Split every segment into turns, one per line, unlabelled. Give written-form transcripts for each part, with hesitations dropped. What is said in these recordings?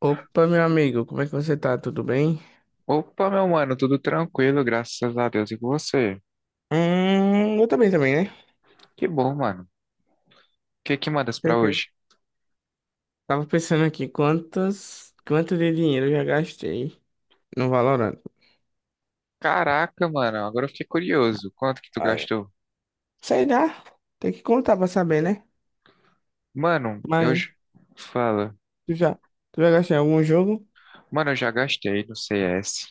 Opa, meu amigo, como é que você tá? Tudo bem?
Opa, meu mano, tudo tranquilo, graças a Deus. E com você?
Eu também, né?
Que bom, mano. O que que mandas
Sei
pra
que-
hoje?
Tava pensando aqui quanto de dinheiro eu já gastei no Valorant.
Caraca, mano, agora eu fiquei curioso. Quanto que tu
Ah, é.
gastou?
Sei lá, tem que contar pra saber, né?
Mano, eu...
Mas
j- Fala.
tu já, tu já gastou em algum jogo?
Mano, eu já gastei no CS.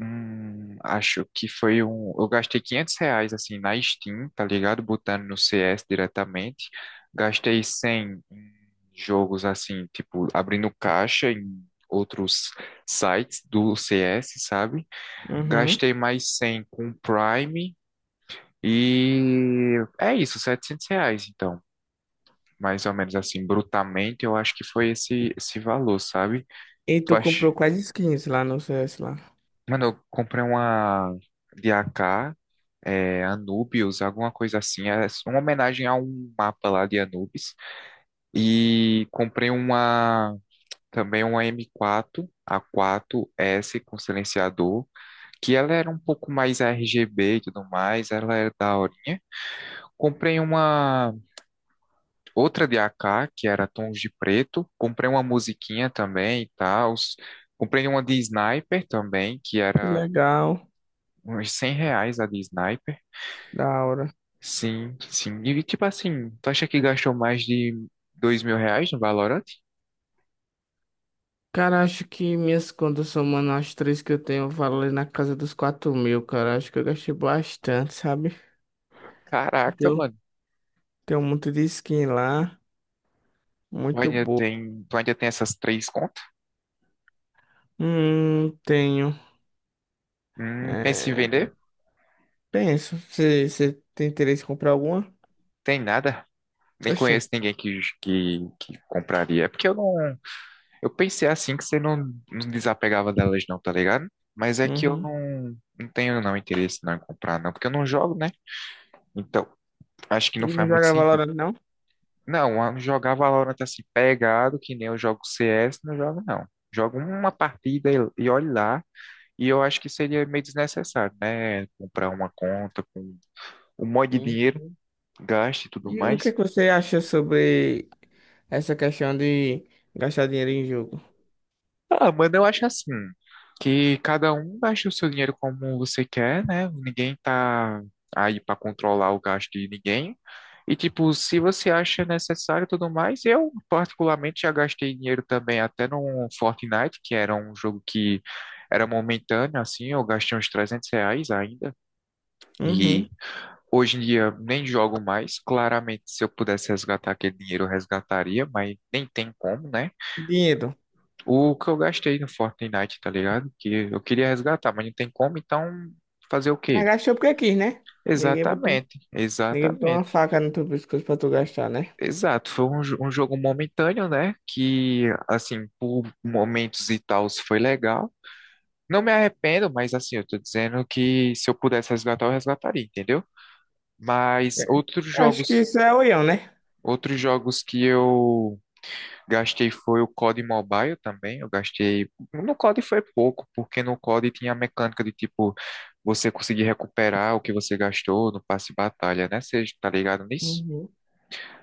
Acho que foi Eu gastei R$ 500, assim, na Steam, tá ligado? Botando no CS diretamente. Gastei 100 em jogos, assim, tipo, abrindo caixa em outros sites do CS, sabe?
Uhum.
Gastei mais 100 com Prime e é isso, R$ 700 então. Mais ou menos assim, brutamente, eu acho que foi esse valor, sabe?
E
Tu
tu
acha...
comprou quais skins lá no CS lá?
Mano, eu comprei uma de AK, é, Anubius, alguma coisa assim. É uma homenagem a um mapa lá de Anubis. E comprei uma M4, A4S com silenciador, que ela era um pouco mais RGB e tudo mais, ela era da hora. Comprei uma outra de AK, que era Tons de Preto. Comprei uma musiquinha também e tal. Comprei uma de Sniper também, que
Que
era
legal,
uns 100 reais a de Sniper.
que da hora.
Sim, sim. E tipo assim, tu acha que gastou mais de R$ 2.000 no Valorant?
Cara, acho que minhas contas somando as três que eu tenho, valem na casa dos 4.000, cara. Acho que eu gastei bastante, sabe?
Caraca,
Deu
mano.
Tem um monte de skin lá,
Tu
muito
ainda
boa.
tem, tu ainda tem essas três contas?
Tenho.
Pensa em
É,
vender?
penso, você tem interesse em comprar alguma?
Tem nada. Nem
Oxê.
conheço ninguém que compraria. É porque eu não. Eu pensei assim que você não, não desapegava delas não, tá ligado? Mas é que eu
Uhum.
não, não tenho não interesse não em comprar não, porque eu não jogo, né? Então, acho que não
Não
faz muito
joga
sentido.
Valorant, não?
Não, eu jogar Valorant assim pegado, que nem eu jogo CS, não jogo não. Jogo uma partida e olhe lá, e eu acho que seria meio desnecessário, né? Comprar uma conta com um monte de
Sim.
dinheiro, gasto e tudo
E o que é
mais.
que você acha sobre essa questão de gastar dinheiro em jogo?
Ah, mano, eu acho assim, que cada um gasta o seu dinheiro como você quer, né? Ninguém tá aí pra controlar o gasto de ninguém. E, tipo, se você acha necessário e tudo mais, eu, particularmente, já gastei dinheiro também até no Fortnite, que era um jogo que era momentâneo, assim, eu gastei uns R$ 300 ainda. E
Uhum.
hoje em dia nem jogo mais. Claramente, se eu pudesse resgatar aquele dinheiro, eu resgataria, mas nem tem como, né?
Dinheiro.
O que eu gastei no Fortnite, tá ligado? Que eu queria resgatar, mas não tem como, então fazer o
Mas
quê?
gastou porque quis, né? Ninguém botou.
Exatamente,
Ninguém botou uma
exatamente,
faca no teu pescoço pra tu gastar, né?
exato. Foi um jogo momentâneo, né? Que, assim, por momentos e tal, foi legal. Não me arrependo, mas, assim, eu tô dizendo que se eu pudesse resgatar, eu resgataria, entendeu? Mas
É.
outros
Acho que
jogos,
isso é oião, né?
outros jogos que eu gastei foi o COD Mobile também, eu gastei... No COD foi pouco, porque no COD tinha a mecânica de, tipo, você conseguir recuperar o que você gastou no passe de batalha, né? Você tá ligado nisso?
Uhum.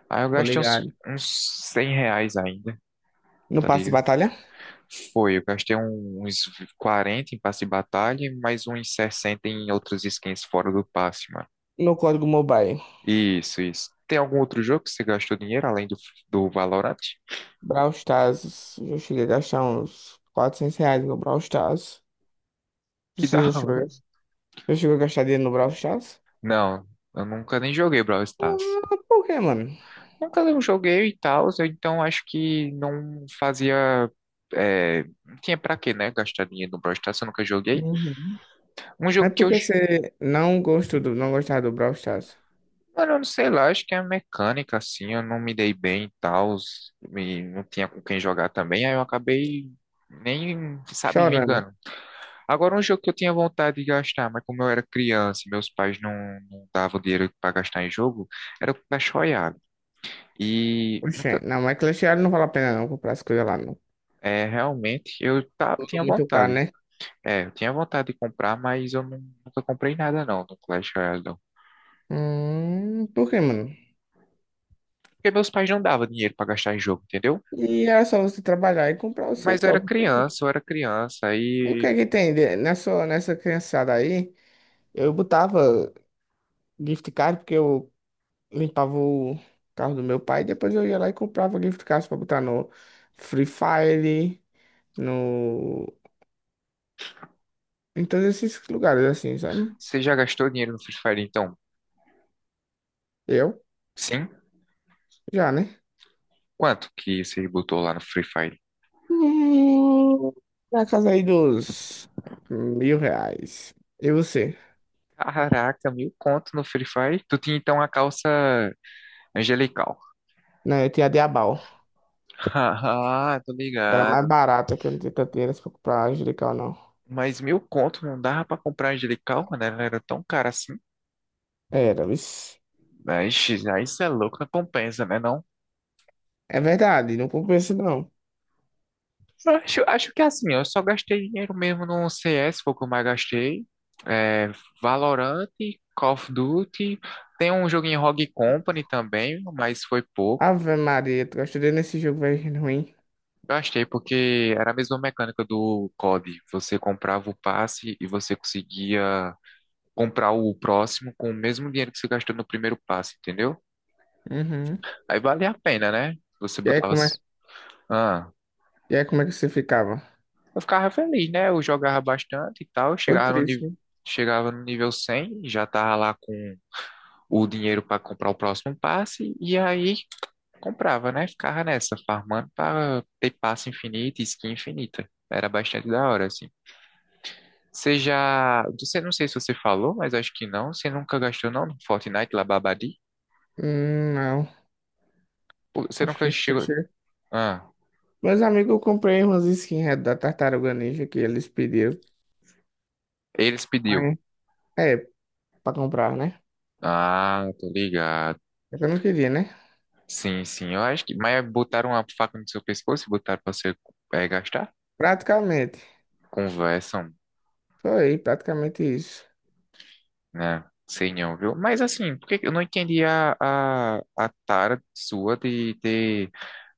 Aí eu
Tô
gastei uns,
ligado.
uns 100 reais ainda,
No
tá
passe de
ligado?
batalha?
Foi, eu gastei uns 40 em passe de batalha, e mais uns 60 em outras skins fora do passe, mano.
No código mobile.
Isso, isso. Tem algum outro jogo que você gastou dinheiro além do Valorant?
Brawl Stars, eu cheguei a gastar uns R$ 400 no Brawl Stars.
Que da
Você já chegou a
hora.
gastar já chegou a gastar dinheiro no Brawl Stars?
Não, eu nunca nem joguei Brawl Stars.
Ah, por quê, mano?
Nunca eu joguei e tal, então acho que não fazia. É, não tinha pra quê, né? Gastar dinheiro no Brawl Stars, eu nunca joguei.
Uhum.
Um jogo
Mas
que
por
eu.
que
J-
você não gostava do Brawl Stars?
Mano, eu não sei lá, acho que é a mecânica, assim, eu não me dei bem e tal, e não tinha com quem jogar também, aí eu acabei nem, sabe,
Chorando.
vingando. Agora, um jogo que eu tinha vontade de gastar, mas como eu era criança e meus pais não, não davam dinheiro pra gastar em jogo, era o Clash Royale. E
Oxê,
nunca,
não, mas Clash Royale não vale a pena não comprar as coisas lá, não.
é, realmente,
Tudo
tinha
muito caro,
vontade.
né?
É, eu tinha vontade de comprar, mas nunca comprei nada não no Clash Royale, não.
Por quê, mano?
Porque meus pais não davam dinheiro pra gastar em jogo, entendeu?
E era só você trabalhar e comprar o seu
Mas
próprio.
eu era criança,
E o que
aí
é que nessa criançada aí? Eu botava gift card porque eu limpava o carro do meu pai, depois eu ia lá e comprava gift cards pra botar no Free Fire, no... em todos esses lugares, assim, sabe?
você já gastou dinheiro no Free Fire, então?
Eu,
Sim?
já, né?
Quanto que você botou lá no Free Fire?
Hum, na casa aí dos R$ 1.000. E você?
Caraca, 1.000 conto no Free Fire? Tu tinha então a calça angelical.
Não, eu tinha a Diabal.
Ah, tô
Era mais
ligado.
barata, que eu não tinha tanto dinheiro assim pra comprar Angelical, não.
Mas 1.000 conto não dava pra comprar angelical, mano, ela era tão cara assim.
Era, isso.
Mas aí isso é louco, não compensa, né não?
É verdade, não compensa, não.
Acho que é assim, eu só gastei dinheiro mesmo no CS, foi o que eu mais gastei. É, Valorant, Call of Duty. Tem um joguinho em Rogue Company também, mas foi pouco.
Ave Maria, tu gastou dinheiro nesse jogo, velho, ruim.
Gastei porque era a mesma mecânica do COD. Você comprava o passe e você conseguia comprar o próximo com o mesmo dinheiro que você gastou no primeiro passe, entendeu?
Uhum.
Aí valia a pena, né? Você
E aí,
botava.
como é,
as- Ah.
e aí, como é que você ficava?
Eu ficava feliz, né? Eu jogava bastante e tal.
Foi triste. Né?
Chegava no nível 100 já tava lá com o dinheiro para comprar o próximo passe. E aí comprava, né? Ficava nessa, farmando para ter passe infinito e skin infinita. Era bastante da hora, assim. Você já. Você, não sei se você falou, mas acho que não. Você nunca gastou, não, no Fortnite lá, Babadi?
Não.
Pô, você
Acho que
nunca
isso
chegou.
chega.
Ah,
Meus amigos, eu comprei umas skins da Tartaruga Ninja que eles pediram.
eles pediu.
Mas, é, pra comprar, né?
Ah, tô ligado.
É que eu não queria, né?
Sim, sim, eu acho que. Mas botaram a faca no seu pescoço e botaram pra você gastar?
Praticamente.
Conversam,
Foi praticamente isso.
né? Sei não, viu? Mas assim, eu não entendi a tara sua de ter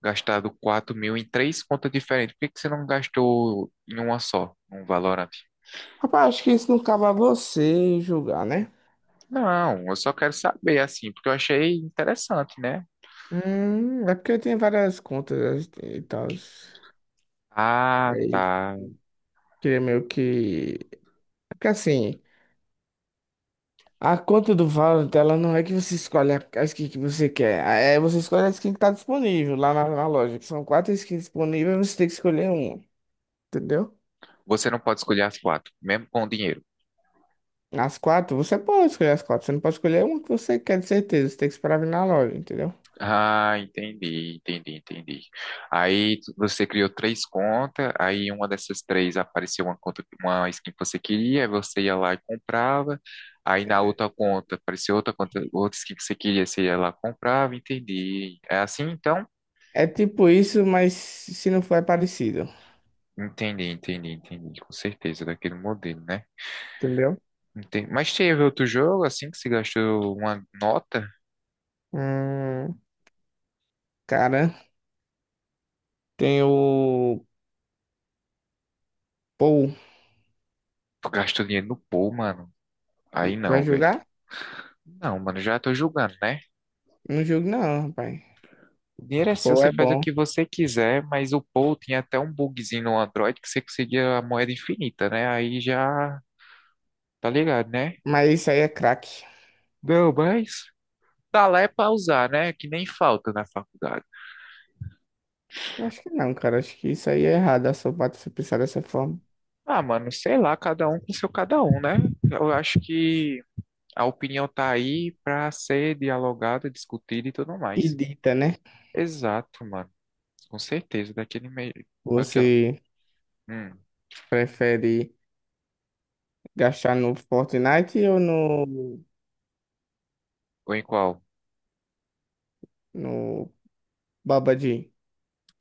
gastado 4.000 em três contas diferentes. Por que que você não gastou em uma só, um Valorant?
Rapaz, acho que isso não cabe a você julgar, né?
Não, eu só quero saber, assim, porque eu achei interessante, né?
É porque eu tenho várias contas e tal.
Ah,
Aí,
tá.
queria meio que. Porque assim. A conta do Valorant, ela não é que você escolhe a skin que você quer. É você escolhe a skin que tá disponível lá na loja. Que são quatro skins disponíveis, você tem que escolher uma. Entendeu?
Você não pode escolher as quatro, mesmo com o dinheiro.
As quatro, você pode escolher as quatro. Você não pode escolher uma que você quer, de certeza. Você tem que esperar vir na loja, entendeu?
Ah, entendi. Você criou três contas, aí uma dessas três apareceu uma conta, uma skin que você queria, aí você ia lá e comprava. Aí na
É
outra conta apareceu outra conta, outra skin que você queria, você ia lá e comprava, entendi. É assim então?
é tipo isso, mas se não for, é parecido.
Entendi, com certeza, daquele modelo, né?
Entendeu?
Entendi. Mas teve outro jogo assim que você gastou uma nota?
Hum, cara, tem o Paul.
Tu gastou dinheiro no pool, mano. Aí
Vai
não, velho.
jogar?
Não, mano, já tô julgando, né?
Não jogo não, rapaz.
O dinheiro é seu,
Paul
você
é
faz o
bom.
que você quiser, mas o Paul tinha até um bugzinho no Android que você conseguia a moeda infinita, né? Aí já tá ligado, né?
Mas isso aí é craque.
Não, mas tá lá é pra usar, né? Que nem falta na faculdade.
Acho que não, cara. Acho que isso aí é errado, a sua parte você pensar dessa forma.
Ah, mano, sei lá, cada um com seu cada um, né? Eu acho que a opinião tá aí pra ser dialogada, discutida e tudo
E
mais.
dita, né?
Exato, mano. Com certeza, daquele meio. Daquela...
Você
Hum,
prefere gastar no Fortnite ou no,
ou em qual?
no Babadi?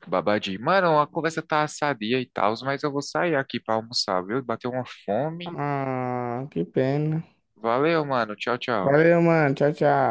Babadi, mano, a conversa tá sadia e tal, mas eu vou sair aqui pra almoçar, viu? Bateu uma fome.
Ah, que pena.
Valeu, mano. Tchau, tchau.
Valeu, mano. Tchau, tchau.